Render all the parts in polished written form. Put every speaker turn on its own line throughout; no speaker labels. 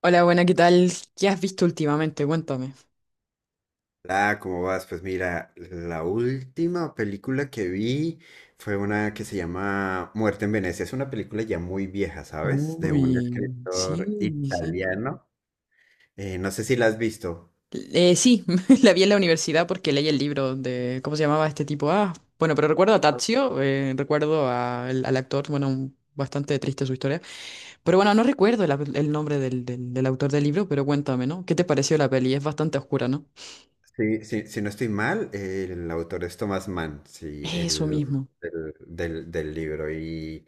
Hola, buena, ¿qué tal? ¿Qué has visto últimamente? Cuéntame.
Ah, ¿cómo vas? Pues mira, la última película que vi fue una que se llama Muerte en Venecia. Es una película ya muy vieja, ¿sabes? De un
Uy,
escritor
sí, sí.
italiano. No sé si la has visto.
Sí, la vi en la universidad porque leí el libro de, ¿cómo se llamaba este tipo? Ah, bueno, pero recuerdo a Tazio, recuerdo al actor, bueno, bastante triste su historia, pero bueno, no recuerdo el nombre del autor del libro, pero cuéntame, ¿no? ¿Qué te pareció la peli? Es bastante oscura, ¿no?
Sí, sí, si no estoy mal, el autor es Thomas Mann, sí,
Eso
el,
mismo.
del, del- del libro. Y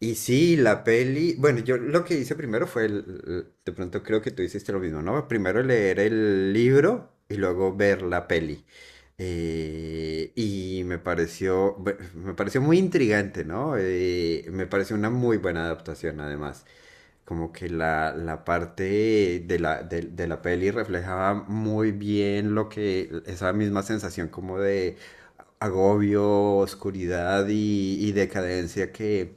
Y sí, la peli, bueno, yo lo que hice primero fue, de pronto creo que tú hiciste lo mismo, ¿no? Primero leer el libro y luego ver la peli. Y me pareció, me pareció muy intrigante, ¿no? Me pareció una muy buena adaptación, además como que la parte de la peli reflejaba muy bien lo que, esa misma sensación como de agobio, oscuridad y decadencia que,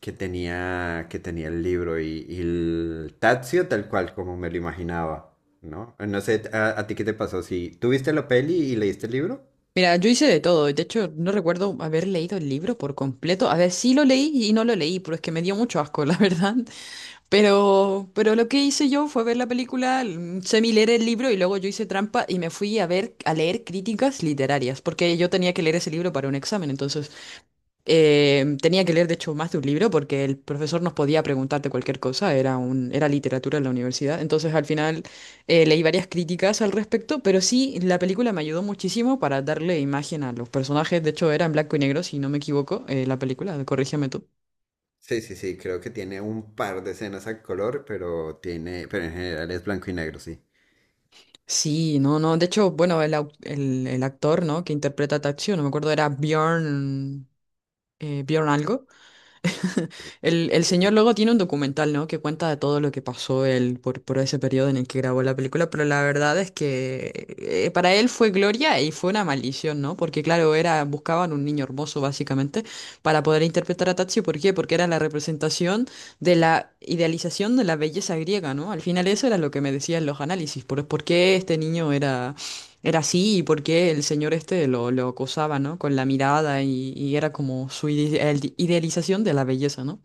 que tenía, que tenía el libro y el Tazio tal cual como me lo imaginaba, ¿no? No sé, ¿a ti qué te pasó? Si ¿tú viste la peli y leíste el libro?
Mira, yo hice de todo, de hecho no recuerdo haber leído el libro por completo, a ver, sí lo leí y no lo leí, pero es que me dio mucho asco, la verdad, pero lo que hice yo fue ver la película, semi-leer el libro y luego yo hice trampa y me fui a ver, a leer críticas literarias, porque yo tenía que leer ese libro para un examen, entonces tenía que leer de hecho más de un libro porque el profesor nos podía preguntarte cualquier cosa, era literatura en la universidad, entonces al final leí varias críticas al respecto, pero sí, la película me ayudó muchísimo para darle imagen a los personajes, de hecho era en blanco y negro, si no me equivoco, la película, corrígeme tú.
Sí, sí, sí, creo que tiene un par de escenas a color, pero en general es blanco y negro, sí.
Sí, no, no. De hecho, bueno, el actor, ¿no? Que interpreta a Tatsuo, no me acuerdo, era Bjorn, Bjorn algo. El señor luego tiene un documental, ¿no? Que cuenta de todo lo que pasó él por ese periodo en el que grabó la película, pero la verdad es que para él fue gloria y fue una maldición, ¿no? Porque claro, buscaban un niño hermoso básicamente para poder interpretar a Tatsuo. ¿Por qué? Porque era la representación de la idealización de la belleza griega, ¿no? Al final eso era lo que me decían los análisis, por qué este niño era así y por qué el señor este lo acosaba, ¿no? Con la mirada y era como su idealización de la belleza, ¿no?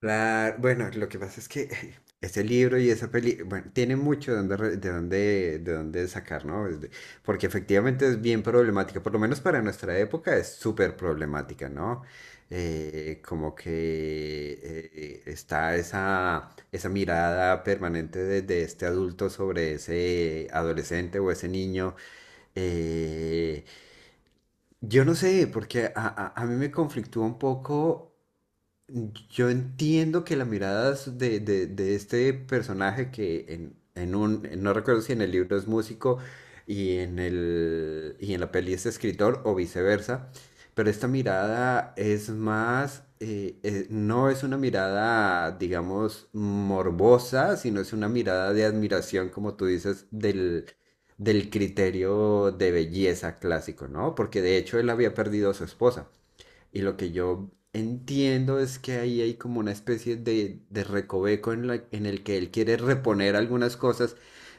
Claro, bueno, lo que pasa es que ese libro y esa peli, bueno, tiene mucho de dónde sacar, ¿no? Porque efectivamente es bien problemática, por lo menos para nuestra época es súper problemática, ¿no? Como que está esa mirada permanente de este adulto sobre ese adolescente o ese niño. eh, yo no sé, porque a mí me conflictúa un poco. Yo entiendo que la mirada es de este personaje que no recuerdo si en el libro es músico y en la peli es escritor o viceversa, pero esta mirada es más, no es una mirada, digamos, morbosa, sino es una mirada de admiración, como tú dices, del criterio de belleza clásico, ¿no? Porque de hecho él había perdido a su esposa. Y lo que yo entiendo es que ahí hay como una especie de recoveco en el que él quiere reponer algunas cosas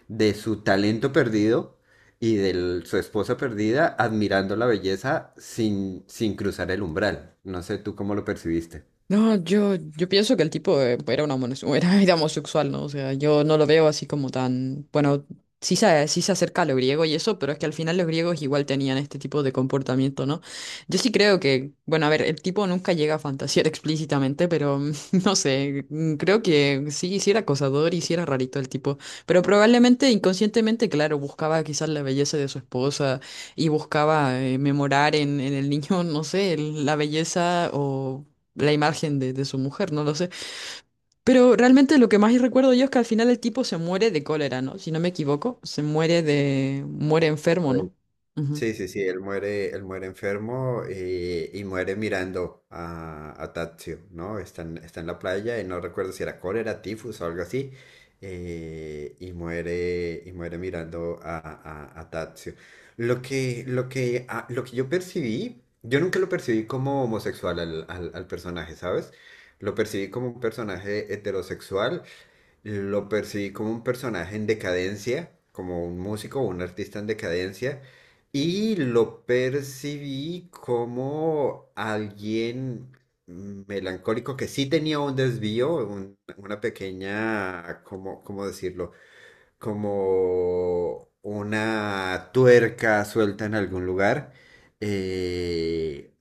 de su talento perdido y de su esposa perdida, admirando la belleza sin cruzar el umbral. No sé tú cómo lo percibiste.
No, yo pienso que el tipo era homosexual, ¿no? O sea, yo no lo veo así como tan. Bueno, sí se acerca a lo griego y eso, pero es que al final los griegos igual tenían este tipo de comportamiento, ¿no? Yo sí creo que, bueno, a ver, el tipo nunca llega a fantasear explícitamente, pero no sé, creo que sí, sí era acosador y sí era rarito el tipo, pero probablemente inconscientemente, claro, buscaba quizás la belleza de su esposa y buscaba memorar en el niño, no sé, la belleza o la imagen de su mujer, no lo sé. Pero realmente lo que más recuerdo yo es que al final el tipo se muere de cólera, ¿no? Si no me equivoco, se muere, muere enfermo, ¿no? Ujú.
Sí, sí, sí, él muere enfermo, y muere mirando a Tadzio, ¿no? Está en la playa y no recuerdo si era cólera, tifus o algo así, y muere mirando a Tadzio. Lo que yo percibí, yo nunca lo percibí como homosexual al personaje, ¿sabes? Lo percibí como un personaje heterosexual. Lo percibí como un personaje en decadencia, como un músico o un artista en decadencia, y lo percibí como alguien melancólico que sí tenía un desvío, una pequeña, ¿cómo decirlo? Como una tuerca suelta en algún lugar. eh,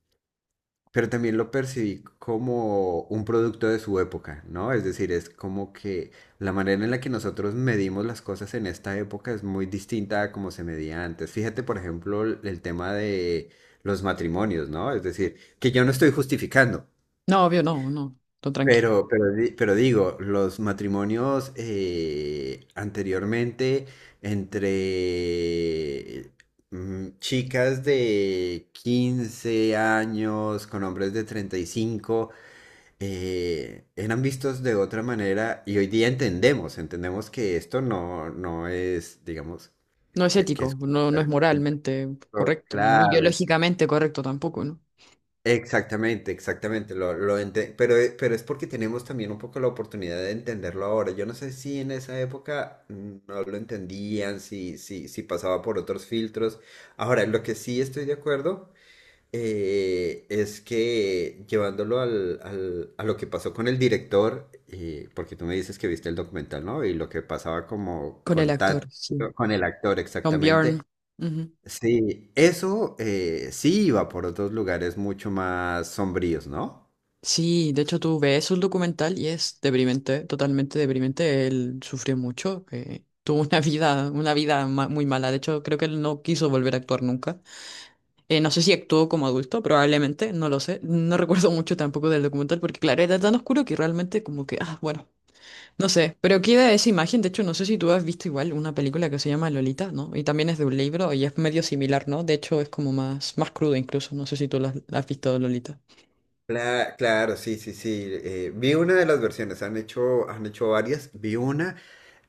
pero también lo percibí como un producto de su época, ¿no? Es decir, es como que la manera en la que nosotros medimos las cosas en esta época es muy distinta a como se medía antes. Fíjate, por ejemplo, el tema de los matrimonios, ¿no? Es decir, que yo no estoy justificando,
No, obvio, no, no, no, tranqui.
pero digo, los matrimonios, anteriormente, entre chicas de 15 años con hombres de 35, eran vistos de otra manera y hoy día entendemos que esto no, no es, digamos,
No es
que, que es...
ético, no, no es
que no es
moralmente
todo,
correcto, ni
claro,
biológicamente correcto tampoco, ¿no?
exactamente, exactamente, lo ente- pero, e- pero es porque tenemos también un poco la oportunidad de entenderlo ahora. Yo no sé si en esa época no lo entendían, si pasaba por otros filtros. Ahora, lo que sí estoy de acuerdo, es que llevándolo a lo que pasó con el director, porque tú me dices que viste el documental, ¿no? Y lo que pasaba como
Con el
con
actor, sí.
con el actor
Con
exactamente.
Bjorn. Ujú.
Sí, eso, sí iba por otros lugares mucho más sombríos, ¿no?
Sí, de hecho tú ves el documental y es deprimente, totalmente deprimente. Él sufrió mucho, tuvo una vida, una vida muy mala. De hecho, creo que él no quiso volver a actuar nunca. No sé si actuó como adulto, probablemente, no lo sé. No recuerdo mucho tampoco del documental porque, claro, era tan oscuro que realmente como que, ah, bueno, no sé. Pero queda esa imagen, de hecho, no sé si tú has visto igual una película que se llama Lolita, ¿no? Y también es de un libro y es medio similar, ¿no? De hecho, es como más crudo incluso, no sé si tú la has visto, Lolita.
Claro, sí, sí, sí. Vi una de las versiones, han hecho varias. Vi una.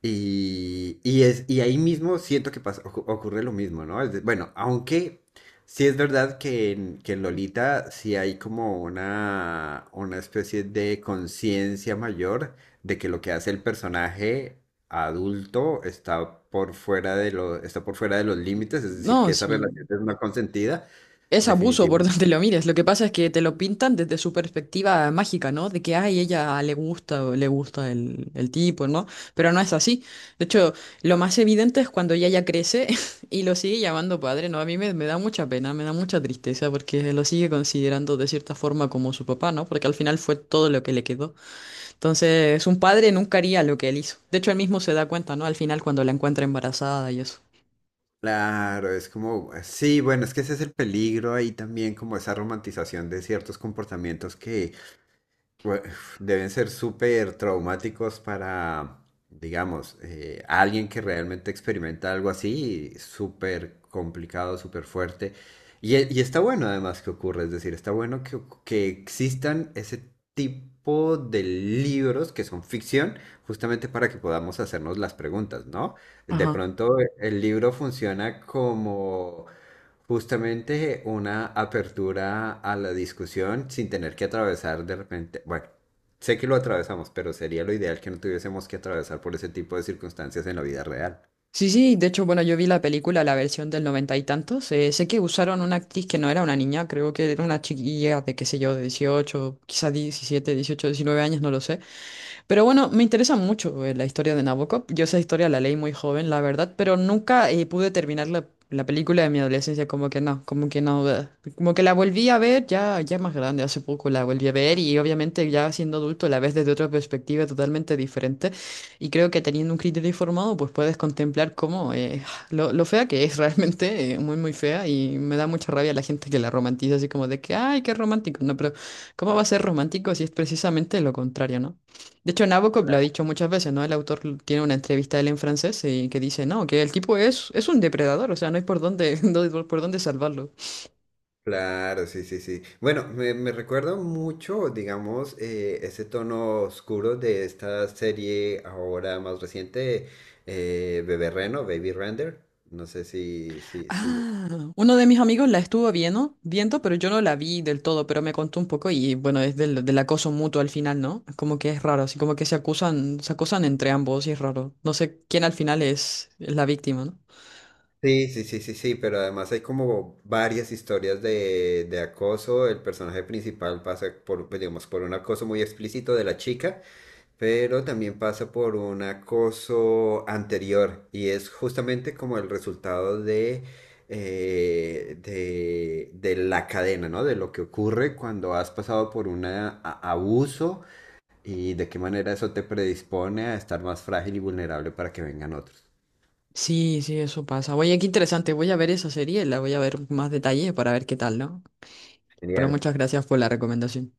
Y es, y ahí mismo siento que ocurre lo mismo, ¿no? Bueno, aunque sí es verdad que en Lolita sí hay como una especie de conciencia mayor de que lo que hace el personaje adulto está por fuera de los límites, es decir, que
No,
esa relación
sí.
es no consentida,
Es abuso por
definitivo.
donde lo mires. Lo que pasa es que te lo pintan desde su perspectiva mágica, ¿no? De que, ay, ella le gusta, o le gusta el tipo, ¿no? Pero no es así. De hecho, lo más evidente es cuando ella ya crece y lo sigue llamando padre, ¿no? A mí me da mucha pena, me da mucha tristeza porque lo sigue considerando de cierta forma como su papá, ¿no? Porque al final fue todo lo que le quedó. Entonces, un padre nunca haría lo que él hizo. De hecho, él mismo se da cuenta, ¿no? Al final, cuando la encuentra embarazada y eso.
Claro, es como, sí, bueno, es que ese es el peligro ahí también, como esa romantización de ciertos comportamientos. Bue- Deben ser súper traumáticos para, digamos, alguien que realmente experimenta algo así, súper complicado, súper fuerte. Y está bueno además que ocurra, es decir, está bueno que existan ese tipo de libros que son ficción, justamente para que podamos hacernos las preguntas, ¿no? De
Ajá.
pronto el libro funciona como justamente una apertura a la discusión sin tener que atravesar de repente, bueno, sé que lo atravesamos, pero sería lo ideal que no tuviésemos que atravesar por ese tipo de circunstancias en la vida real.
Sí, sí, de hecho, bueno, yo vi la película, la versión del noventa y tantos. Sé que usaron una actriz que no era una niña, creo que era una chiquilla de, qué sé yo, de 18 quizás 17 18 19 años, no lo sé. Pero bueno, me interesa mucho la historia de Nabokov. Yo esa historia la leí muy joven, la verdad, pero nunca pude terminar la película de mi adolescencia, como que no, como que no. Como que la volví a ver ya más grande, hace poco la volví a ver y obviamente ya siendo adulto la ves desde otra perspectiva totalmente diferente. Y creo que teniendo un criterio informado, pues puedes contemplar cómo lo fea que es realmente, muy, muy fea. Y me da mucha rabia la gente que la romantiza así como de que, ay, qué romántico. No, pero ¿cómo va a ser romántico si es precisamente lo contrario, ¿no? De hecho, Nabokov lo ha dicho muchas veces, ¿no? El autor tiene una entrevista de él en francés y que dice, no, que el tipo es un depredador, o sea, no hay por dónde, no hay por dónde salvarlo.
Claro, sí, sí, sí. Bueno, me recuerda mucho, digamos, ese tono oscuro de esta serie ahora más reciente, Bebé Reno, Baby Render. No sé si.
Ah, uno de mis amigos la estuvo viendo, pero yo no la vi del todo, pero me contó un poco y bueno, es del acoso mutuo al final, ¿no? Es como que es raro, así como que se acusan entre ambos y es raro. No sé quién al final es la víctima, ¿no?
Sí, sí, sí, sí, sí, pero además hay como varias historias de acoso. El personaje principal pasa por, pues, digamos, por un acoso muy explícito de la chica, pero también pasa por un acoso anterior y es justamente como el resultado de la cadena, ¿no? De lo que ocurre cuando has pasado por un abuso y de qué manera eso te predispone a estar más frágil y vulnerable para que vengan otros.
Sí, sí, eso pasa. Oye, qué interesante, voy a ver esa serie, la voy a ver más detalle para ver qué tal, ¿no? Pero
Genial.
muchas gracias por la recomendación.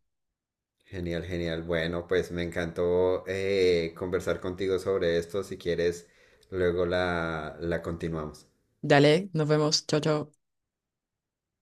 Genial, genial. Bueno, pues me encantó conversar contigo sobre esto. Si quieres, luego la continuamos.
Dale, nos vemos. Chao, chao.